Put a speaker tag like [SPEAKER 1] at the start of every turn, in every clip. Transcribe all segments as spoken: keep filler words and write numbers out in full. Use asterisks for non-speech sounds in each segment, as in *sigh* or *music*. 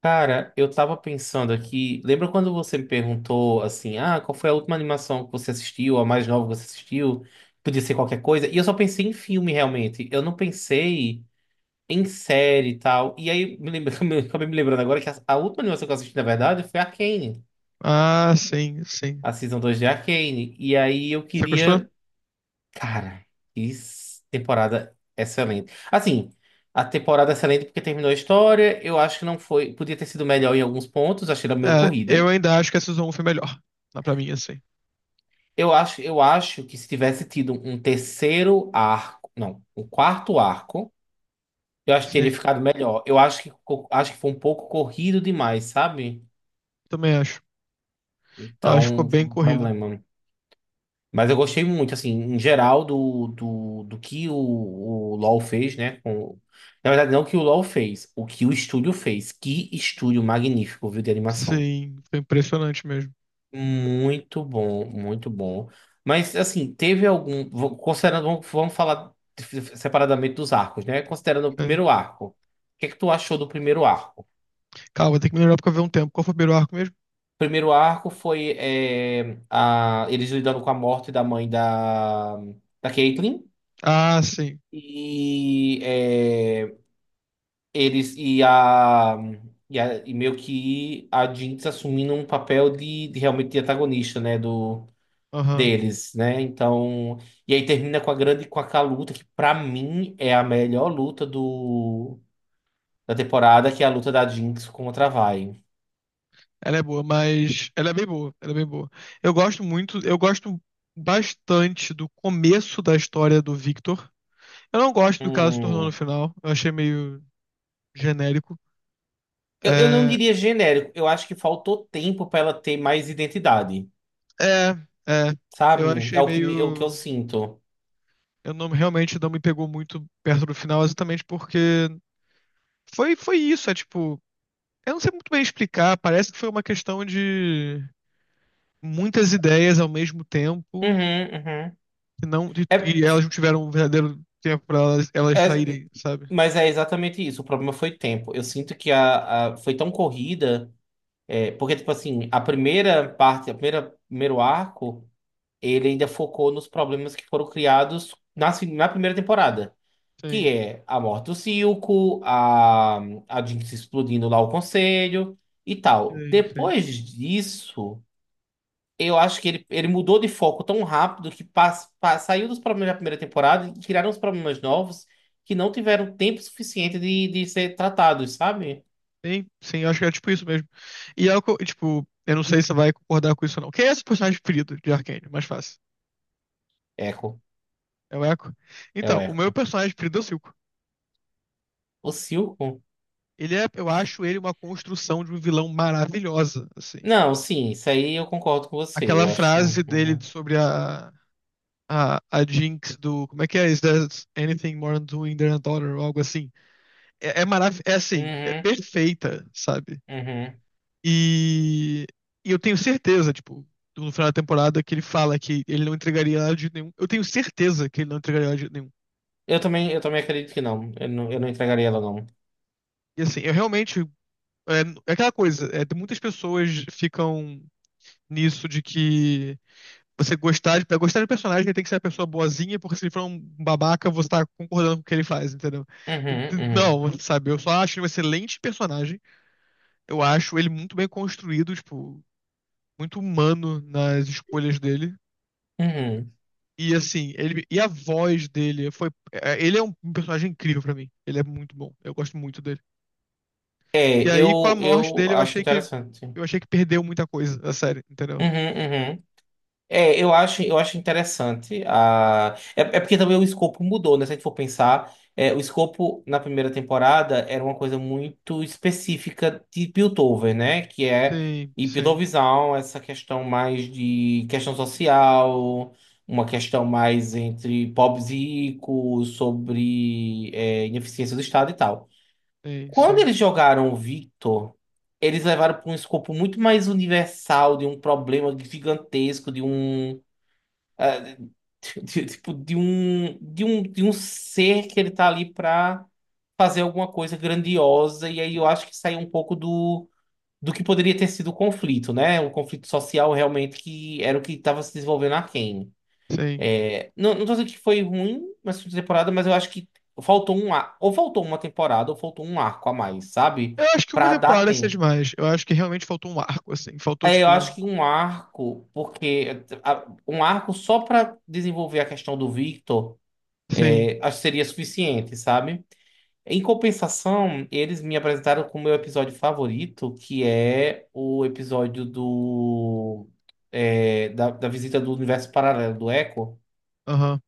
[SPEAKER 1] Cara, eu tava pensando aqui. Lembra quando você me perguntou assim: ah, qual foi a última animação que você assistiu, a mais nova que você assistiu? Podia ser qualquer coisa. E eu só pensei em filme, realmente. Eu não pensei em série e tal. E aí, me lembra, *laughs* me- acabei me lembrando agora que a, a última animação que eu assisti, na verdade, foi Arcane,
[SPEAKER 2] Ah, sim, sim.
[SPEAKER 1] a Season dois de Arcane. E aí eu
[SPEAKER 2] Você gostou?
[SPEAKER 1] queria. Cara, que s- temporada excelente. Assim. A temporada é excelente porque terminou a história. Eu acho que não foi. Podia ter sido melhor em alguns pontos. Achei ela meio
[SPEAKER 2] É, eu
[SPEAKER 1] corrida.
[SPEAKER 2] ainda acho que a Season um foi melhor. Ah, pra mim, assim.
[SPEAKER 1] Eu acho, eu acho que se tivesse tido um terceiro arco, não, um quarto arco, eu acho que teria
[SPEAKER 2] Sim,
[SPEAKER 1] ficado melhor. Eu acho que, co- acho que foi um pouco corrido demais, sabe?
[SPEAKER 2] também acho. Acho que ficou
[SPEAKER 1] Então, foi
[SPEAKER 2] bem
[SPEAKER 1] um
[SPEAKER 2] corrido.
[SPEAKER 1] problema. Mas eu gostei muito, assim, em geral, do, do, do que o, o LoL fez, né? Com- na verdade, não que o LoL fez, o que o estúdio fez. Que estúdio magnífico, viu, de animação.
[SPEAKER 2] Sim, foi impressionante mesmo.
[SPEAKER 1] Muito bom, muito bom. Mas assim, teve algum. vo- Considerando, vamos vamos falar dif- separadamente dos arcos, né? Considerando o
[SPEAKER 2] É.
[SPEAKER 1] primeiro arco. O que é que tu achou do primeiro arco?
[SPEAKER 2] Calma, tem que melhorar porque eu vi um tempo. Qual foi o primeiro arco mesmo?
[SPEAKER 1] O primeiro arco foi é, a, eles lidando com a morte da mãe da, da Caitlyn.
[SPEAKER 2] Ah, sim.
[SPEAKER 1] E é, eles e a, e a- e meio que a Jinx assumindo um papel de, de realmente de antagonista, né?
[SPEAKER 2] Aham.
[SPEAKER 1] Deles, né? Então, e aí termina com a grande com aquela luta que pra mim é a melhor luta do da temporada, que é a luta da Jinx contra a Vi.
[SPEAKER 2] Ela é boa, mas ela é bem boa. Ela é bem boa. Eu gosto muito, eu gosto bastante do começo da história do Victor. Eu não gosto do que ela se tornou no
[SPEAKER 1] Hum,
[SPEAKER 2] final. Eu achei meio genérico.
[SPEAKER 1] eu, eu não
[SPEAKER 2] É,
[SPEAKER 1] diria genérico, eu acho que faltou tempo pra ela ter mais identidade,
[SPEAKER 2] É, é. Eu
[SPEAKER 1] sabe? É
[SPEAKER 2] achei
[SPEAKER 1] o que me, é o que eu
[SPEAKER 2] meio.
[SPEAKER 1] sinto.
[SPEAKER 2] Eu não realmente não me pegou muito perto do final, exatamente porque foi, foi isso. É tipo, eu não sei muito bem explicar. Parece que foi uma questão de muitas ideias ao mesmo tempo
[SPEAKER 1] Uhum, uhum.
[SPEAKER 2] e não e,
[SPEAKER 1] É,
[SPEAKER 2] e elas não tiveram um verdadeiro tempo para elas, elas
[SPEAKER 1] é-
[SPEAKER 2] saírem, sabe?
[SPEAKER 1] mas é exatamente isso. O problema foi tempo. Eu sinto que a, a- foi tão corrida, é, porque tipo assim, a primeira parte, a primeira primeiro arco ele ainda focou nos problemas que foram criados na, se- na primeira temporada, que
[SPEAKER 2] Sim,
[SPEAKER 1] é a morte do Silco, a, a Jinx explodindo lá o conselho e tal.
[SPEAKER 2] sim, sim.
[SPEAKER 1] Depois disso, eu acho que ele, ele mudou de foco tão rápido que pas- pa- saiu dos problemas da primeira temporada e criaram os problemas novos que não tiveram tempo suficiente de, de ser tratados, sabe?
[SPEAKER 2] Sim, sim, eu acho que é tipo isso mesmo. E é o que eu- tipo, eu não sei se você vai concordar com isso ou não. Quem é esse personagem preferido de Arcane? Mais fácil.
[SPEAKER 1] Eco,
[SPEAKER 2] É o Echo?
[SPEAKER 1] é o
[SPEAKER 2] Então, o meu
[SPEAKER 1] Eco.
[SPEAKER 2] personagem preferido é o Silco.
[SPEAKER 1] O Silco?
[SPEAKER 2] Ele é, eu acho ele uma construção de um vilão maravilhosa, assim.
[SPEAKER 1] Não, sim, isso aí eu concordo com você,
[SPEAKER 2] Aquela
[SPEAKER 1] eu acho.
[SPEAKER 2] frase dele
[SPEAKER 1] Uhum,
[SPEAKER 2] sobre a, a, a Jinx do. Como é que é? Is there anything more than doing than a daughter? Ou algo assim. É, é maravilhoso. É assim, é
[SPEAKER 1] uhum,
[SPEAKER 2] perfeita, sabe?
[SPEAKER 1] uhum.
[SPEAKER 2] E, e eu tenho certeza, tipo, no final da temporada que ele fala que ele não entregaria ela de nenhum. Eu tenho certeza que ele não entregaria ela de nenhum.
[SPEAKER 1] Eu também, eu também acredito que não. Eu não, eu não entregaria ela, não.
[SPEAKER 2] E assim, eu realmente. É, é aquela coisa, é, muitas pessoas ficam nisso de que você gostar de, pra gostar de personagem, ele tem que ser uma pessoa boazinha, porque se ele for um babaca, você tá concordando com o que ele faz, entendeu?
[SPEAKER 1] Uhum, uhum,
[SPEAKER 2] Não, sabe, eu só acho ele um excelente personagem. Eu acho ele muito bem construído, tipo, muito humano nas escolhas dele.
[SPEAKER 1] uhum.
[SPEAKER 2] E assim, ele e a voz dele foi, é, ele é um personagem incrível pra mim. Ele é muito bom. Eu gosto muito dele.
[SPEAKER 1] É,
[SPEAKER 2] E aí com a
[SPEAKER 1] eu,
[SPEAKER 2] morte
[SPEAKER 1] eu
[SPEAKER 2] dele, eu
[SPEAKER 1] acho
[SPEAKER 2] achei que
[SPEAKER 1] interessante. Uhum,
[SPEAKER 2] eu achei que perdeu muita coisa da série, entendeu?
[SPEAKER 1] uhum. É, eu acho, eu acho interessante. A... É, é porque também o escopo mudou, né? Se a gente for pensar, é, o escopo na primeira temporada era uma coisa muito específica de Piltover, né? Que é,
[SPEAKER 2] Sim,
[SPEAKER 1] e
[SPEAKER 2] sim,
[SPEAKER 1] Piltoverzão, essa questão mais de questão social, uma questão mais entre pobres e ricos, sobre é, ineficiência do Estado e tal.
[SPEAKER 2] sim,
[SPEAKER 1] Quando
[SPEAKER 2] sim,
[SPEAKER 1] eles jogaram o Victor, eles levaram para um escopo muito mais universal, de um problema gigantesco, de um ah, de- de- tipo, de um, de um, de um ser que ele tá ali pra fazer alguma coisa grandiosa, e aí eu acho que sai um pouco do, do que poderia ter sido o conflito, né? Um conflito social realmente que era o que estava se desenvolvendo na Arcane.
[SPEAKER 2] sim.
[SPEAKER 1] É, não, não tô dizendo que foi ruim nessa última temporada, mas eu acho que faltou um ar, ou faltou uma temporada, ou faltou um arco a mais, sabe?
[SPEAKER 2] Eu acho que uma
[SPEAKER 1] Pra dar
[SPEAKER 2] temporada seria
[SPEAKER 1] tempo.
[SPEAKER 2] demais. Eu acho que realmente faltou um arco, assim. Faltou,
[SPEAKER 1] É, eu
[SPEAKER 2] tipo.
[SPEAKER 1] acho que um arco, porque a- um arco só pra desenvolver a questão do Victor.
[SPEAKER 2] Sim,
[SPEAKER 1] É, acho que seria suficiente, sabe? Em compensação, eles me apresentaram com o meu episódio favorito, que é o episódio do é, da, da visita do universo paralelo do Echo,
[SPEAKER 2] aham,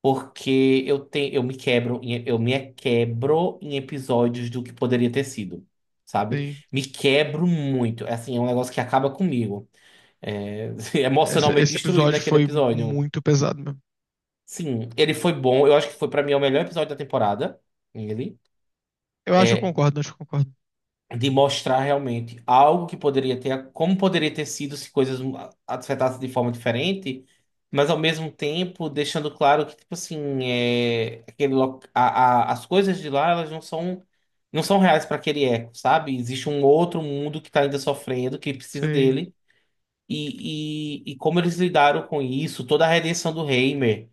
[SPEAKER 1] porque eu tenho eu me quebro em- eu me quebro em episódios do que poderia ter sido, sabe?
[SPEAKER 2] sim.
[SPEAKER 1] Me quebro muito, é assim, é um negócio que acaba comigo, é, *laughs*
[SPEAKER 2] Esse,
[SPEAKER 1] emocionalmente
[SPEAKER 2] esse
[SPEAKER 1] destruído
[SPEAKER 2] episódio
[SPEAKER 1] naquele
[SPEAKER 2] foi
[SPEAKER 1] episódio.
[SPEAKER 2] muito pesado mesmo.
[SPEAKER 1] Sim, ele foi bom, eu acho que foi pra mim é o melhor episódio da temporada. Ele.
[SPEAKER 2] Eu acho que eu
[SPEAKER 1] É
[SPEAKER 2] concordo, acho que eu concordo.
[SPEAKER 1] de mostrar realmente algo que poderia ter, como poderia ter sido se coisas afetassem de forma diferente, mas ao mesmo tempo deixando claro que, tipo assim, é, aquele, lo- a, a- as coisas de lá, elas não são, não são reais para aquele eco, sabe? Existe um outro mundo que tá ainda sofrendo, que precisa
[SPEAKER 2] Sim,
[SPEAKER 1] dele, e, e, e como eles lidaram com isso, toda a redenção do Heimer,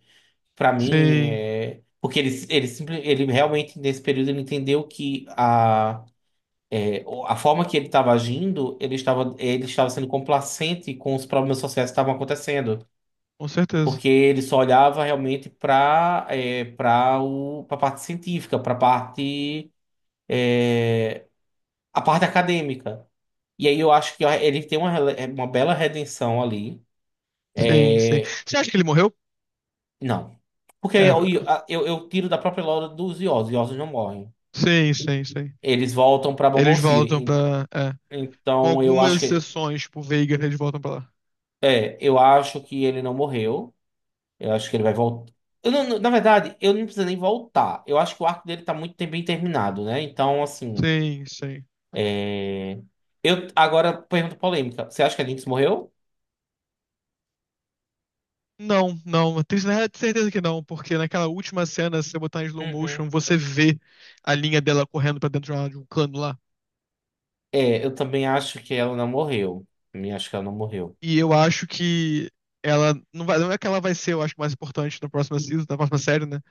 [SPEAKER 1] para mim,
[SPEAKER 2] sim,
[SPEAKER 1] é... Porque ele, ele, simple- ele realmente, nesse período, ele entendeu que o- a forma que ele estava agindo, ele estava, ele estava sendo complacente com os problemas sociais que estavam acontecendo,
[SPEAKER 2] com certeza.
[SPEAKER 1] porque ele só olhava realmente para para o para a parte científica, para a parte a parte acadêmica. E aí eu acho que ele tem uma, rele- uma bela redenção ali.
[SPEAKER 2] Sim, sim.
[SPEAKER 1] É,
[SPEAKER 2] Você acha que ele morreu?
[SPEAKER 1] não, porque eu,
[SPEAKER 2] É.
[SPEAKER 1] eu, eu tiro da própria lore dos Ioses, os Ioses não morrem.
[SPEAKER 2] Sim, sim, sim.
[SPEAKER 1] Eles voltam para
[SPEAKER 2] Eles
[SPEAKER 1] Bumble City.
[SPEAKER 2] voltam
[SPEAKER 1] En-
[SPEAKER 2] pra. É. Com
[SPEAKER 1] Então eu
[SPEAKER 2] algumas
[SPEAKER 1] acho que
[SPEAKER 2] exceções, tipo, Veiga, eles voltam pra lá.
[SPEAKER 1] é, eu acho que ele não morreu. Eu acho que ele vai voltar. Eu não- não- Na verdade, eu não preciso nem voltar. Eu acho que o arco dele tá muito bem terminado, né? Então, assim.
[SPEAKER 2] Sim, sim.
[SPEAKER 1] É, eu agora pergunta polêmica. Você acha que a Lynx morreu?
[SPEAKER 2] Não, não, tenho certeza que não, porque naquela última cena, se você botar em slow
[SPEAKER 1] Uhum.
[SPEAKER 2] motion, você vê a linha dela correndo pra dentro de uma- de um cano lá.
[SPEAKER 1] É, eu também acho que ela não morreu. Também acho que ela não morreu.
[SPEAKER 2] E eu acho que ela não vai, não é que ela vai ser, eu acho, mais importante na próxima season, na próxima série, né?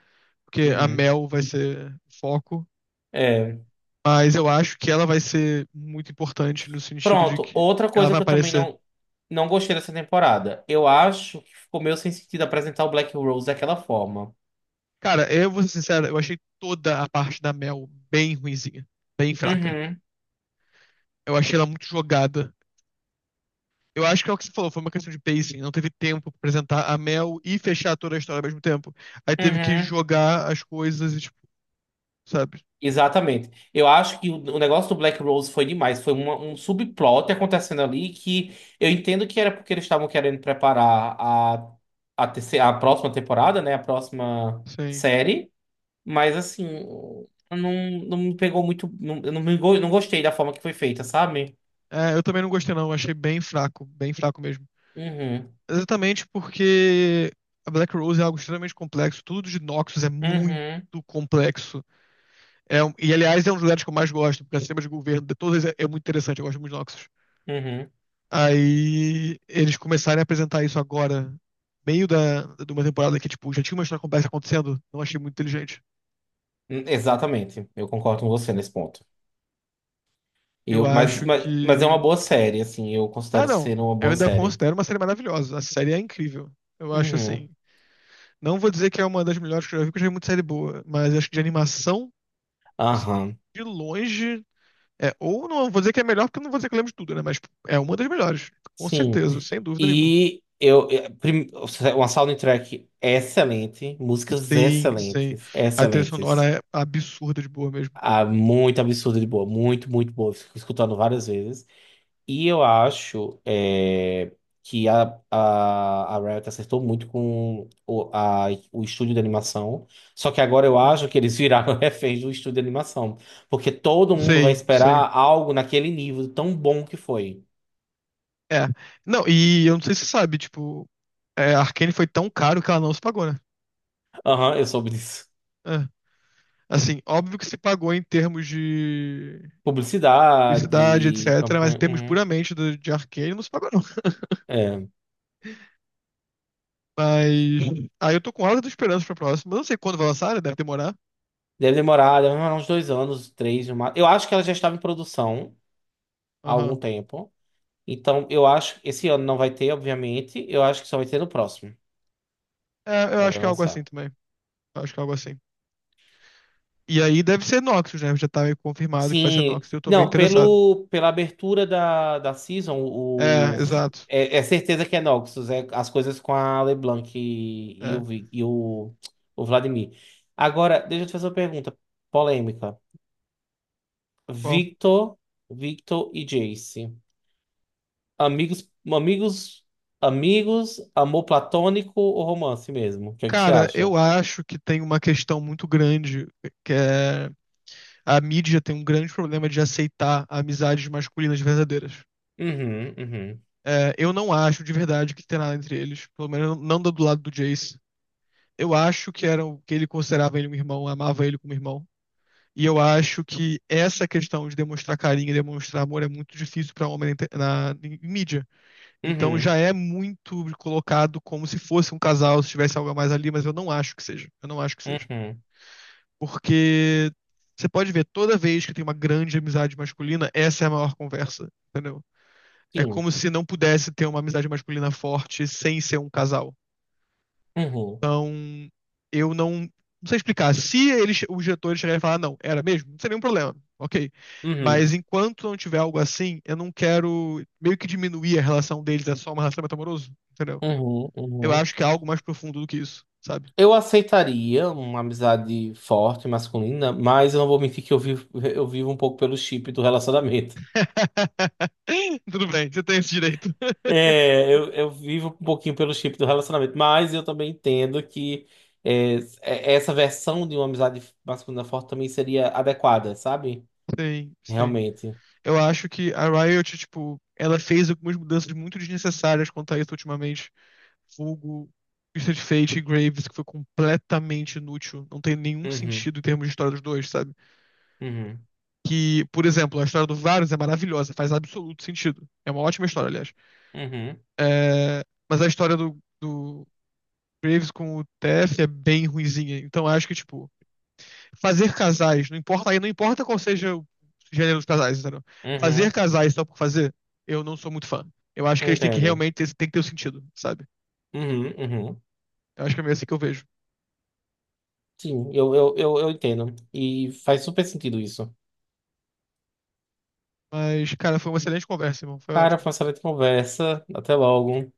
[SPEAKER 2] Porque a
[SPEAKER 1] Uhum.
[SPEAKER 2] Mel vai ser o foco,
[SPEAKER 1] É.
[SPEAKER 2] mas eu acho que ela vai ser muito importante no sentido de
[SPEAKER 1] Pronto.
[SPEAKER 2] que
[SPEAKER 1] Outra
[SPEAKER 2] ela
[SPEAKER 1] coisa
[SPEAKER 2] vai
[SPEAKER 1] que eu também
[SPEAKER 2] aparecer.
[SPEAKER 1] não, não gostei dessa temporada. Eu acho que ficou meio sem sentido apresentar o Black Rose daquela forma.
[SPEAKER 2] Cara, eu vou ser sincero, eu achei toda a parte da Mel bem ruinzinha, bem fraca.
[SPEAKER 1] Uhum.
[SPEAKER 2] Eu achei ela muito jogada. Eu acho que é o que você falou, foi uma questão de pacing. Não teve tempo pra apresentar a Mel e fechar toda a história ao mesmo tempo. Aí teve que
[SPEAKER 1] Uhum.
[SPEAKER 2] jogar as coisas e, tipo, sabe?
[SPEAKER 1] Exatamente. Eu acho que o o negócio do Black Rose foi demais. Foi uma- um subplot acontecendo ali que eu entendo que era porque eles estavam querendo preparar a, a, terceira, a próxima temporada, né? A próxima
[SPEAKER 2] Sim.
[SPEAKER 1] série. Mas, assim, não, não me pegou muito. Não, eu não, me, go- não gostei da forma que foi feita, sabe?
[SPEAKER 2] É, eu também não gostei, não. Eu achei bem fraco, bem fraco mesmo.
[SPEAKER 1] Uhum,
[SPEAKER 2] Exatamente porque a Black Rose é algo extremamente complexo. Tudo de Noxus é muito
[SPEAKER 1] uhum,
[SPEAKER 2] complexo. É, um- e, aliás, é um dos lugares que eu mais gosto, porque o sistema de governo de todas é, é muito interessante. Eu gosto muito de Noxus.
[SPEAKER 1] uhum.
[SPEAKER 2] Aí eles começarem a apresentar isso agora, meio da, de uma temporada que, tipo, já tinha uma história complexa acontecendo, não achei muito inteligente.
[SPEAKER 1] Hum, exatamente. Eu concordo com você nesse ponto.
[SPEAKER 2] Eu
[SPEAKER 1] Eu, mas,
[SPEAKER 2] acho
[SPEAKER 1] mas, mas é uma
[SPEAKER 2] que.
[SPEAKER 1] boa série, assim. Eu
[SPEAKER 2] Ah,
[SPEAKER 1] considero
[SPEAKER 2] não.
[SPEAKER 1] ser uma
[SPEAKER 2] Eu
[SPEAKER 1] boa
[SPEAKER 2] ainda
[SPEAKER 1] série.
[SPEAKER 2] considero uma série maravilhosa. A série é incrível. Eu acho assim.
[SPEAKER 1] Uhum.
[SPEAKER 2] Não vou dizer que é uma das melhores que eu já vi, porque eu já vi muita série boa, mas acho que de animação, assim,
[SPEAKER 1] Aham.
[SPEAKER 2] de longe. É, ou não vou dizer que é melhor, porque eu não vou dizer que eu lembro de tudo, né? Mas tipo, é uma das melhores. Com
[SPEAKER 1] Sim.
[SPEAKER 2] certeza, sem dúvida nenhuma.
[SPEAKER 1] E eu, eh, prim- uma soundtrack excelente, músicas
[SPEAKER 2] Sim, sim.
[SPEAKER 1] excelentes,
[SPEAKER 2] A trilha sonora
[SPEAKER 1] excelentes.
[SPEAKER 2] é absurda de boa mesmo.
[SPEAKER 1] Ah, muito absurdo de boa, muito, muito boa. Fico escutando várias vezes. E eu acho eh, que a, a, a Riot acertou muito com o, a, o estúdio de animação. Só que agora eu acho que eles viraram *laughs* reféns do estúdio de animação. Porque todo mundo vai
[SPEAKER 2] Sim, sim.
[SPEAKER 1] esperar algo naquele nível tão bom que foi.
[SPEAKER 2] É. Não, e eu não sei se você sabe, tipo, é, a Arcane foi tão caro que ela não se pagou, né?
[SPEAKER 1] Aham, eu soube disso.
[SPEAKER 2] É. Assim, óbvio que se pagou em termos de publicidade,
[SPEAKER 1] Publicidade,
[SPEAKER 2] etcetera, mas em
[SPEAKER 1] campanha.
[SPEAKER 2] termos
[SPEAKER 1] Uhum.
[SPEAKER 2] puramente do- de Arcane não se pagou, não.
[SPEAKER 1] É.
[SPEAKER 2] Mas. *laughs* Aí eu tô com alta esperança pra próxima. Eu não sei quando vai lançar, né? Deve demorar.
[SPEAKER 1] Deve demorar, deve demorar uns dois anos, três, no ma- eu acho que ela já estava em produção há algum
[SPEAKER 2] Aham.
[SPEAKER 1] tempo. Então, eu acho que esse ano não vai ter, obviamente. Eu acho que só vai ter no próximo.
[SPEAKER 2] É, eu
[SPEAKER 1] Ela
[SPEAKER 2] acho
[SPEAKER 1] vai
[SPEAKER 2] que é algo assim
[SPEAKER 1] lançar.
[SPEAKER 2] também. Eu acho que é algo assim. E aí deve ser Noxus, né? Já tá meio confirmado que vai ser
[SPEAKER 1] Sim.
[SPEAKER 2] Noxus, eu tô bem
[SPEAKER 1] Não,
[SPEAKER 2] interessado.
[SPEAKER 1] pelo, pela abertura da, da season,
[SPEAKER 2] É,
[SPEAKER 1] o,
[SPEAKER 2] exato.
[SPEAKER 1] é, é certeza que é Noxus. É as coisas com a LeBlanc e, e,
[SPEAKER 2] É.
[SPEAKER 1] o, Vi- e o, o Vladimir. Agora, deixa eu te fazer uma pergunta polêmica.
[SPEAKER 2] Bom.
[SPEAKER 1] Victor, Victor e Jace. Amigos, amigos, amigos, amor platônico ou romance mesmo? O que é que você
[SPEAKER 2] Cara, eu
[SPEAKER 1] acha?
[SPEAKER 2] acho que tem uma questão muito grande, que é a mídia tem um grande problema de aceitar amizades masculinas verdadeiras.
[SPEAKER 1] Uhum, uhum,
[SPEAKER 2] É, eu não acho de verdade que tem nada entre eles, pelo menos não do lado do Jace. Eu acho que era o- que ele considerava ele um irmão, amava ele como irmão. E eu acho que essa questão de demonstrar carinho e demonstrar amor é muito difícil para homem na, inter- na- em mídia. Então já
[SPEAKER 1] uhum,
[SPEAKER 2] é muito colocado como se fosse um casal, se tivesse algo a mais ali, mas eu não acho que seja. Eu não acho que seja.
[SPEAKER 1] uhum,
[SPEAKER 2] Porque você pode ver, toda vez que tem uma grande amizade masculina, essa é a maior conversa, entendeu? É
[SPEAKER 1] sim,
[SPEAKER 2] como se não pudesse ter uma amizade masculina forte sem ser um casal.
[SPEAKER 1] uhum,
[SPEAKER 2] Então, eu não, não sei explicar. Se eles, os diretores chegarem e falar, "Ah, não, era mesmo, não seria nenhum problema, ok.
[SPEAKER 1] uhum,
[SPEAKER 2] Mas enquanto não tiver algo assim, eu não quero meio que diminuir a relação deles, é só um relacionamento amoroso, entendeu?
[SPEAKER 1] uhum,
[SPEAKER 2] Eu
[SPEAKER 1] uhum.
[SPEAKER 2] acho que é algo mais profundo do que isso, sabe?
[SPEAKER 1] Eu aceitaria uma amizade forte, masculina, mas eu não vou mentir que eu vivo, eu vivo um pouco pelo chip do relacionamento.
[SPEAKER 2] *laughs* Tudo bem, você tem esse direito. *laughs*
[SPEAKER 1] É, eu, eu vivo um pouquinho pelo chip do relacionamento, mas eu também entendo que é, é- essa versão de uma amizade masculina forte também seria adequada, sabe?
[SPEAKER 2] Sim, sim.
[SPEAKER 1] Realmente.
[SPEAKER 2] Eu acho que a Riot, tipo, ela fez algumas mudanças muito desnecessárias quanto a isso ultimamente. Vulgo, Twisted Fate e Graves, que foi completamente inútil. Não tem nenhum
[SPEAKER 1] Uhum,
[SPEAKER 2] sentido em termos de história dos dois, sabe?
[SPEAKER 1] uhum,
[SPEAKER 2] Que, por exemplo, a história do Varus é maravilhosa, faz absoluto sentido. É uma ótima história, aliás.
[SPEAKER 1] uhum,
[SPEAKER 2] É, mas a história do, do Graves com o T F é bem ruinzinha. Então acho que, tipo, fazer casais, não importa, aí não importa qual seja o gênero dos casais, entendeu?
[SPEAKER 1] uhum,
[SPEAKER 2] Fazer casais só por fazer, eu não sou muito fã. Eu acho que eles têm que
[SPEAKER 1] entendo.
[SPEAKER 2] realmente ter, tem que ter o sentido, sabe?
[SPEAKER 1] Uhum, uhum.
[SPEAKER 2] Eu acho que é meio assim que eu vejo.
[SPEAKER 1] Sim, eu, eu, eu, eu entendo. E faz super sentido isso.
[SPEAKER 2] Mas, cara, foi uma excelente conversa, irmão. Foi
[SPEAKER 1] Cara,
[SPEAKER 2] ótimo.
[SPEAKER 1] foi uma excelente conversa. Até logo.